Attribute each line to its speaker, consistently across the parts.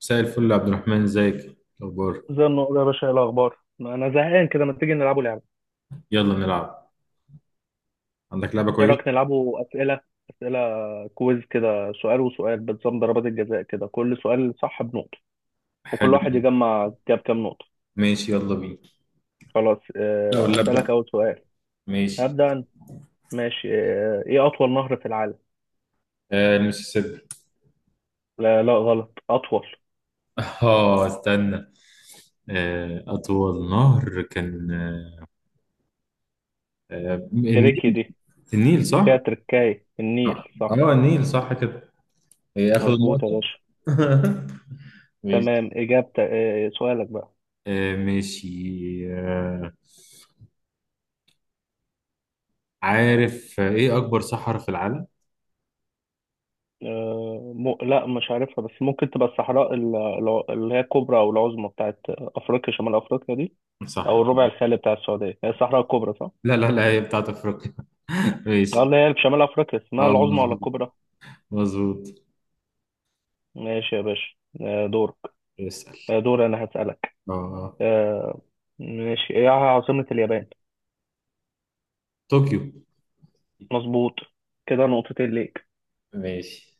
Speaker 1: مساء الفل يا عبد الرحمن، ازيك؟ إيه الاخبار؟
Speaker 2: زي النقطة يا باشا إيه الأخبار؟ أنا زهقان كده ما تيجي نلعبوا لعبة،
Speaker 1: يلا نلعب. عندك لعبه
Speaker 2: إيه رأيك
Speaker 1: كويسه؟
Speaker 2: نلعبوا أسئلة كويز كده سؤال وسؤال بنظام ضربات الجزاء كده كل سؤال صح بنقطة وكل
Speaker 1: حلو.
Speaker 2: واحد يجمع جاب كام نقطة.
Speaker 1: ماشي، يلا بينا.
Speaker 2: خلاص
Speaker 1: لا، ولا ابدا.
Speaker 2: هسألك أول سؤال.
Speaker 1: ماشي.
Speaker 2: هبدأ أنا. ماشي. إيه أطول نهر في العالم؟
Speaker 1: آه، المسيسيبي.
Speaker 2: لا لا غلط أطول.
Speaker 1: اه، استنى. اطول نهر كان، النيل.
Speaker 2: تريكي دي
Speaker 1: النيل
Speaker 2: فيها
Speaker 1: صح.
Speaker 2: تركاية
Speaker 1: اه،
Speaker 2: النيل صح.
Speaker 1: النيل صح كده. إيه، اخد
Speaker 2: مظبوط يا
Speaker 1: النقطه.
Speaker 2: باشا.
Speaker 1: ماشي.
Speaker 2: تمام إجابتك. سؤالك بقى.
Speaker 1: ماشي. آه عارف، ايه اكبر صحراء في العالم؟
Speaker 2: لا مش عارفها بس ممكن تبقى الصحراء اللي هي الكبرى او العظمى بتاعت افريقيا شمال افريقيا دي.
Speaker 1: صح.
Speaker 2: او الربع الخالي بتاع السعوديه هي الصحراء الكبرى صح؟
Speaker 1: لا لا لا، هي بتاعت افريقيا.
Speaker 2: اه
Speaker 1: ماشي.
Speaker 2: اللي هي في شمال افريقيا اسمها
Speaker 1: اه،
Speaker 2: العظمى ولا
Speaker 1: مظبوط
Speaker 2: الكبرى؟
Speaker 1: مظبوط.
Speaker 2: ماشي يا باشا. دورك.
Speaker 1: اسأل.
Speaker 2: دور انا هسألك.
Speaker 1: اه،
Speaker 2: آه، ماشي. ايه عاصمة اليابان؟
Speaker 1: طوكيو.
Speaker 2: مظبوط. كده نقطتين ليك.
Speaker 1: ماشي.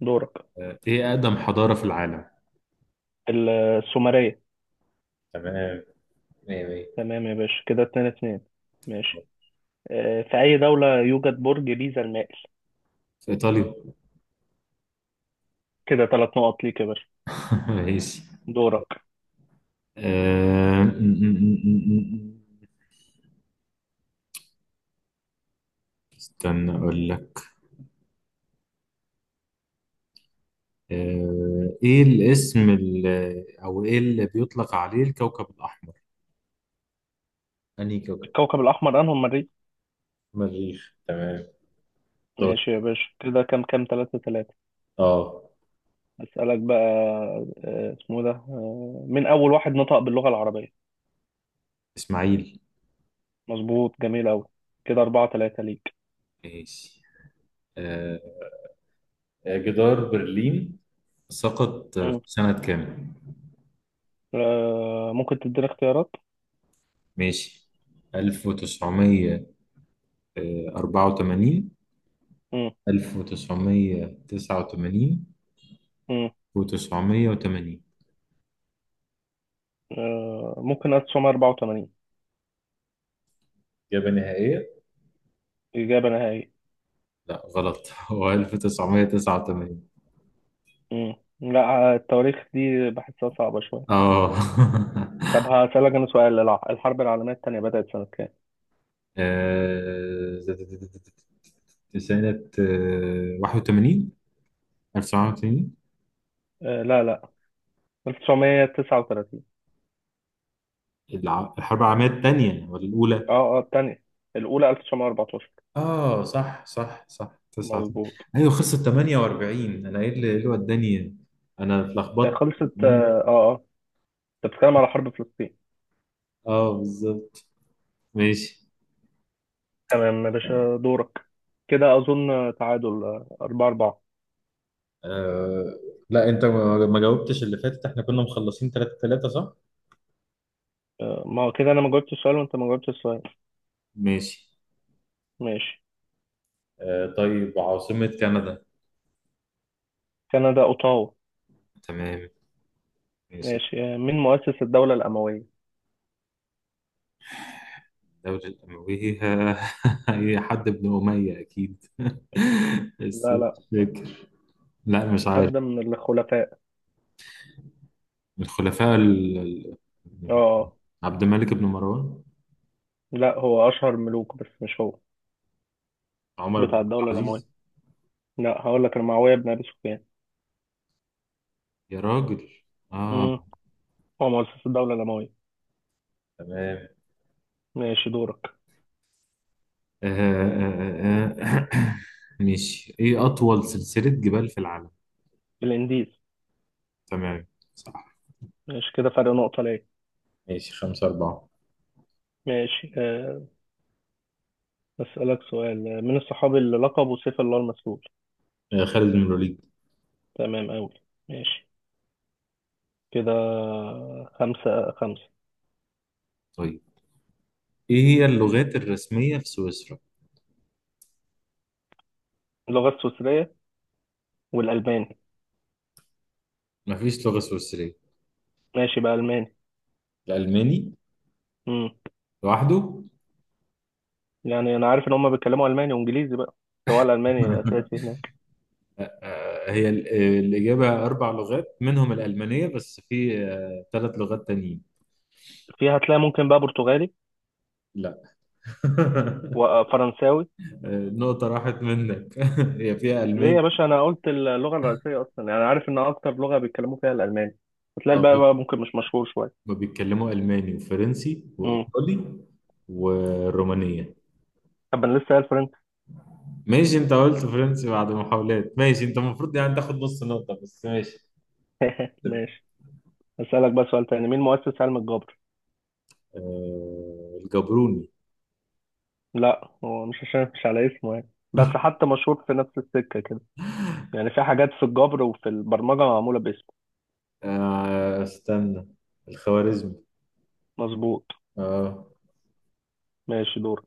Speaker 2: دورك.
Speaker 1: ايه أقدم حضارة في العالم؟
Speaker 2: السومرية.
Speaker 1: تمام. مية مية.
Speaker 2: تمام يا باشا كده 2-2. ماشي. في أي دولة يوجد برج بيزا المائل؟
Speaker 1: في إيطاليا.
Speaker 2: كده 3 نقط ليك يا باشا.
Speaker 1: ماشي.
Speaker 2: دورك.
Speaker 1: آه، م- م- م- م- م. استنى أقول لك. إيه الاسم اللي أو إيه اللي بيطلق عليه الكوكب الأحمر؟ أنهي كوكب؟
Speaker 2: الكوكب الأحمر أنهم مريء.
Speaker 1: مريخ، تمام. دور.
Speaker 2: ماشي يا باشا كده كام كام 3-3.
Speaker 1: اه،
Speaker 2: أسألك بقى. اسمه ده مين أول واحد نطق باللغة العربية؟
Speaker 1: إسماعيل.
Speaker 2: مظبوط جميل أوي. كده 4-3 ليك.
Speaker 1: ماشي. آه، جدار برلين سقط في
Speaker 2: مم.
Speaker 1: سنة كام؟
Speaker 2: ممكن تديني اختيارات.
Speaker 1: ماشي. 1900؟ 84؟
Speaker 2: مم.
Speaker 1: 1989؟
Speaker 2: مم.
Speaker 1: و980؟
Speaker 2: ممكن 1984.
Speaker 1: إجابة نهائية.
Speaker 2: إجابة نهائية.
Speaker 1: لا غلط. هو 1989.
Speaker 2: لا. التواريخ دي بحسها صعبة شوية.
Speaker 1: اه.
Speaker 2: طب هسألك أنا سؤال. الحرب العالمية التانية بدأت سنة كام؟
Speaker 1: آه، سنة 81، 1981.
Speaker 2: لا لا 1939.
Speaker 1: الحرب العالمية الثانية ولا الأولى؟
Speaker 2: اه اه التانية. الأولى 1914.
Speaker 1: اه، صح صح صح، 89.
Speaker 2: مظبوط.
Speaker 1: ايوه، خلصت 48. انا ايه اللي، إيه اللي وداني إيه؟ انا اتلخبطت.
Speaker 2: خلصت اه
Speaker 1: ثمانية-
Speaker 2: اه آه. انت بتتكلم على حرب فلسطين.
Speaker 1: اه، بالظبط. ماشي.
Speaker 2: تمام يا باشا. دورك. كده اظن تعادل 4-4.
Speaker 1: آه لا، انت ما جاوبتش اللي فاتت. احنا كنا مخلصين 3 3 صح؟
Speaker 2: ما هو كده انا ما جاوبتش السؤال وانت ما جاوبتش السؤال.
Speaker 1: ماشي.
Speaker 2: ماشي.
Speaker 1: طيب، عاصمة كندا.
Speaker 2: كندا اوتاوا.
Speaker 1: تمام. ماشي.
Speaker 2: ماشي. مين مؤسس الدولة الأموية؟
Speaker 1: الدولة الأموية. هي حد ابن أمية أكيد. بس
Speaker 2: لا لا.
Speaker 1: مش فاكر. لا، مش عارف.
Speaker 2: حد من الخلفاء.
Speaker 1: من الخلفاء.
Speaker 2: اه آه.
Speaker 1: عبد الملك بن مروان.
Speaker 2: لا هو اشهر ملوك بس مش هو
Speaker 1: عمر بن
Speaker 2: بتاع
Speaker 1: عبد
Speaker 2: الدولة
Speaker 1: العزيز.
Speaker 2: الأموية. لا هقول لك المعاوية بن ابي سفيان.
Speaker 1: يا راجل. آه.
Speaker 2: امم هو مؤسس الدولة الأموية.
Speaker 1: تمام.
Speaker 2: ماشي دورك.
Speaker 1: آه، آه، آه، آه. ماشي، إيه أطول سلسلة جبال في العالم؟
Speaker 2: الإنديز.
Speaker 1: تمام.
Speaker 2: ماشي كده فرق نقطة ليه.
Speaker 1: ماشي، خمسة أربعة.
Speaker 2: ماشي. أسألك سؤال. من الصحابي اللي لقبه سيف الله المسلول؟
Speaker 1: خالد بن الوليد.
Speaker 2: تمام أوي. ماشي. كده 5-5.
Speaker 1: طيب، إيه هي اللغات الرسمية في سويسرا؟
Speaker 2: اللغة السويسرية والألماني.
Speaker 1: مفيش لغة سويسرية.
Speaker 2: ماشي بقى ألماني.
Speaker 1: الألماني
Speaker 2: مم.
Speaker 1: لوحده.
Speaker 2: يعني أنا عارف إن هما بيتكلموا ألماني وإنجليزي بقى، سواء الألماني أساسي هناك.
Speaker 1: هي الإجابة أربع لغات، منهم الألمانية، بس في ثلاث لغات تانيين.
Speaker 2: فيها هتلاقي ممكن بقى برتغالي
Speaker 1: لا.
Speaker 2: وفرنساوي.
Speaker 1: نقطة راحت منك. هي فيها
Speaker 2: ليه
Speaker 1: ألماني.
Speaker 2: يا باشا أنا قلت اللغة الرئيسية أصلا، يعني عارف إن أكتر لغة بيتكلموا فيها الألماني. هتلاقي
Speaker 1: اه
Speaker 2: بقى,
Speaker 1: بت-
Speaker 2: بقى ممكن مش مشهور شوية.
Speaker 1: ما بيتكلموا ألماني وفرنسي
Speaker 2: مم.
Speaker 1: وإيطالي والرومانية.
Speaker 2: طب أنا لسه قايل فرنسي.
Speaker 1: ماشي، أنت قلت فرنسي بعد محاولات. ماشي أنت المفروض يعني تاخد نص نقطة، بس ماشي.
Speaker 2: ماشي. أسألك بقى سؤال تاني. مين مؤسس علم الجبر؟
Speaker 1: الجبروني.
Speaker 2: لا هو مش عشان مش على اسمه يعني، بس حتى مشهور في نفس السكة كده. يعني في حاجات في الجبر وفي البرمجة معمولة باسمه.
Speaker 1: استنى، الخوارزمي.
Speaker 2: مظبوط.
Speaker 1: اه.
Speaker 2: ماشي دورك.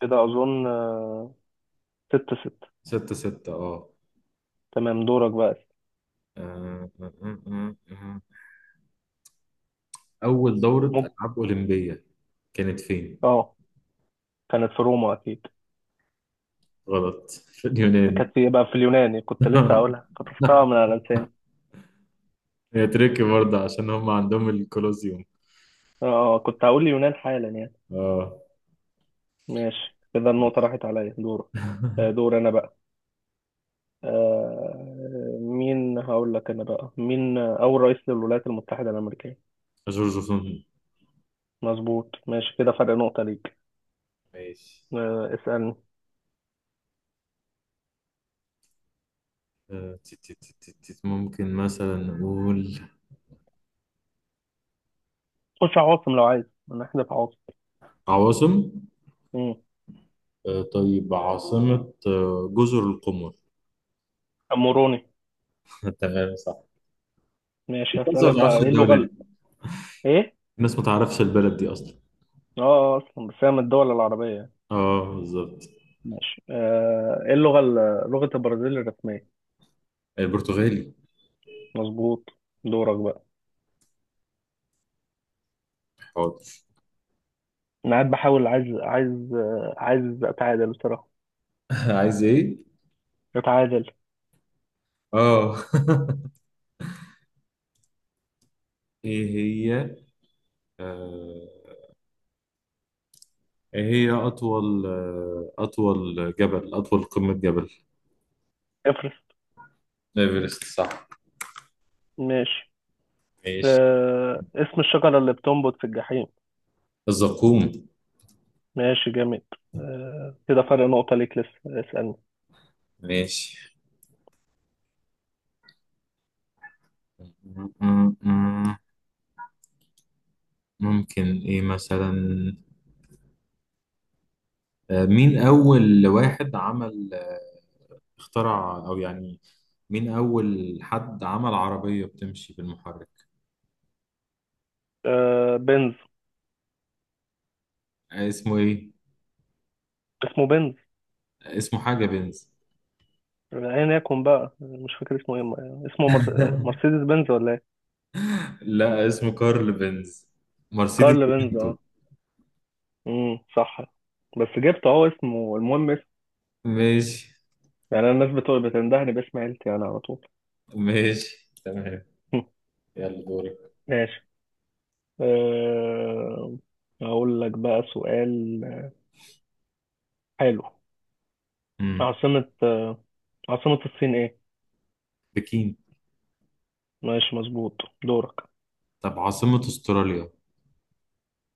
Speaker 2: كده أظن 6-6.
Speaker 1: ستة ستة. اه.
Speaker 2: تمام دورك بقى.
Speaker 1: آه، آه، آه، آه، آه. أول دورة
Speaker 2: ممكن.
Speaker 1: ألعاب أولمبية كانت فين؟
Speaker 2: اه كانت في روما أكيد.
Speaker 1: غلط، في اليونان.
Speaker 2: بقى في اليوناني، كنت لسه هقولها. خطفتها من على لساني.
Speaker 1: هي تركي برضه عشان هم عندهم الكولوسيوم.
Speaker 2: اه كنت هقول اليونان حالا يعني.
Speaker 1: اه.
Speaker 2: ماشي كده النقطة راحت عليا. دورك. دور أنا بقى. مين هقول لك أنا بقى؟ مين أول رئيس للولايات المتحدة الأمريكية؟
Speaker 1: جورج وسوم.
Speaker 2: مظبوط. ماشي كده فرق نقطة ليك.
Speaker 1: ماشي.
Speaker 2: اسألني.
Speaker 1: ممكن مثلا نقول
Speaker 2: خش على عواصم لو عايز نحذف عواصم.
Speaker 1: عواصم.
Speaker 2: مم.
Speaker 1: طيب، عاصمة جزر القمر.
Speaker 2: أموروني.
Speaker 1: تمام صح.
Speaker 2: ماشي
Speaker 1: الناس ما
Speaker 2: هسألك بقى.
Speaker 1: تعرفش
Speaker 2: إيه اللغة
Speaker 1: الدولة دي.
Speaker 2: إيه؟
Speaker 1: الناس ما تعرفش البلد دي أصلا.
Speaker 2: أصلا بس هي من الدول العربية يعني.
Speaker 1: اه، بالظبط.
Speaker 2: ماشي. إيه اللغة لغة البرازيل الرسمية؟
Speaker 1: البرتغالي.
Speaker 2: مظبوط. دورك بقى.
Speaker 1: حاضر.
Speaker 2: أنا قاعد بحاول، عايز أتعادل بصراحة.
Speaker 1: عايز ايه؟
Speaker 2: أتعادل.
Speaker 1: اه. ايه هي؟ آه، ايه هي أطول، أطول جبل، أطول قمة جبل؟
Speaker 2: افرس.
Speaker 1: ايفرست، صح.
Speaker 2: ماشي.
Speaker 1: ماشي.
Speaker 2: اسم الشجرة اللي بتنبت في الجحيم.
Speaker 1: الزقوم.
Speaker 2: ماشي جامد. كده فرق نقطة ليك لسه. اسألني.
Speaker 1: ماشي. م- م- م- ممكن ايه مثلا؟ مين أول واحد عمل، اخترع، أو يعني مين أول حد عمل عربية بتمشي بالمحرك؟
Speaker 2: بنز.
Speaker 1: اسمه إيه؟
Speaker 2: اسمه بنز.
Speaker 1: اسمه حاجة بنز.
Speaker 2: ايا يكن بقى مش فاكر اسمه ايه. اسمه مرسيدس بنز ولا ايه.
Speaker 1: لا، اسمه كارل بنز. مرسيدس
Speaker 2: كارل بنز،
Speaker 1: بنتو.
Speaker 2: اه. صح. بس جبت اهو اسمه، المهم اسمه.
Speaker 1: ماشي.
Speaker 2: يعني انا الناس بتقول بتندهني باسم عيلتي انا على طول.
Speaker 1: ماشي تمام. يلا دورك.
Speaker 2: ماشي. أه... اقول لك بقى سؤال. حلو.
Speaker 1: مم.
Speaker 2: عاصمة آه، عاصمة الصين ايه؟
Speaker 1: بكين.
Speaker 2: ماشي مظبوط. دورك.
Speaker 1: طب عاصمة أستراليا.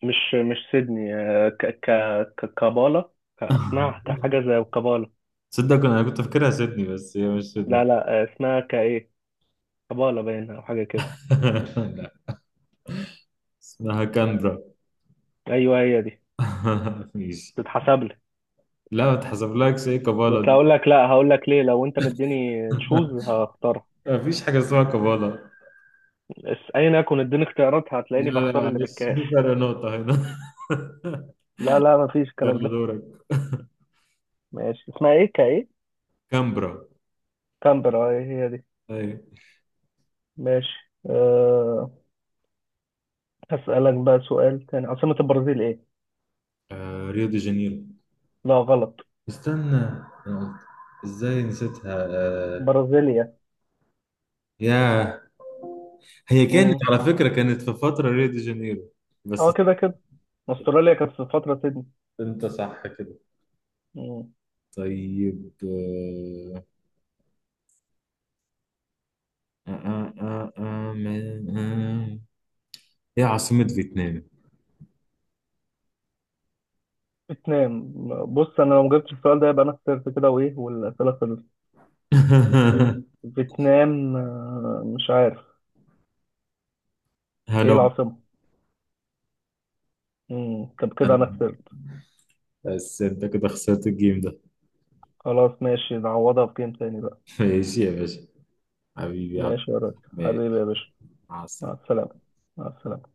Speaker 2: مش سيدني. كابالا. اسمها حاجة زي كابالا.
Speaker 1: تصدق أنا كنت فاكرها سيدني، بس هي مش
Speaker 2: لا
Speaker 1: سيدني.
Speaker 2: لا. اسمها كايه كابالا باين او حاجة كده.
Speaker 1: لا، اسمها كانبرا.
Speaker 2: ايوه هي دي.
Speaker 1: ماشي.
Speaker 2: تتحسب لي.
Speaker 1: لا، ما تحسبلكش، ايه
Speaker 2: بس
Speaker 1: كبالة؟
Speaker 2: هقول لك، لا هقول لك ليه، لو انت مديني تشوز هختارها.
Speaker 1: مفيش حاجة اسمها كبالة.
Speaker 2: ايا يكن اديني اختيارات هتلاقيني
Speaker 1: لا لا،
Speaker 2: بختار اللي
Speaker 1: معلش،
Speaker 2: بالكاف.
Speaker 1: في فرق نقطة هنا.
Speaker 2: لا لا مفيش الكلام
Speaker 1: يلا
Speaker 2: ده.
Speaker 1: دورك.
Speaker 2: ماشي اسمها ايه؟ كايه.
Speaker 1: كامبرا.
Speaker 2: كامبرا؟ ايه هي دي.
Speaker 1: أي.
Speaker 2: ماشي. هسألك بقى سؤال تاني. عاصمة البرازيل ايه؟
Speaker 1: آه، ريو دي جانيرو.
Speaker 2: لا غلط.
Speaker 1: استنى، أنا قلت، ازاي نسيتها؟ آه
Speaker 2: برازيليا.
Speaker 1: يا. هي كانت
Speaker 2: مم.
Speaker 1: على فكرة، كانت في فترة ريو دي جانيرو. بس.
Speaker 2: اه كده كده. استراليا كانت في فترة سيدني.
Speaker 1: انت صح كده.
Speaker 2: مم.
Speaker 1: طيب. آه آه آه آه آه. ايه عاصمة فيتنام؟
Speaker 2: فيتنام. بص انا لو ما جبتش السؤال ده يبقى انا خسرت كده، وايه والاسئله خلصت. فيتنام، مش عارف. ايه
Speaker 1: هانوي.
Speaker 2: العاصمة؟ طب كده انا خسرت.
Speaker 1: بس انت كده خسرت الجيم ده.
Speaker 2: خلاص ماشي، نعوضها بجيم تاني بقى.
Speaker 1: ماشي يا باشا. حبيبي يا عبد.
Speaker 2: ماشي يا راجل. حبيبي
Speaker 1: ماشي.
Speaker 2: يا باشا.
Speaker 1: مع
Speaker 2: مع
Speaker 1: السلامة.
Speaker 2: السلامة. مع السلامة.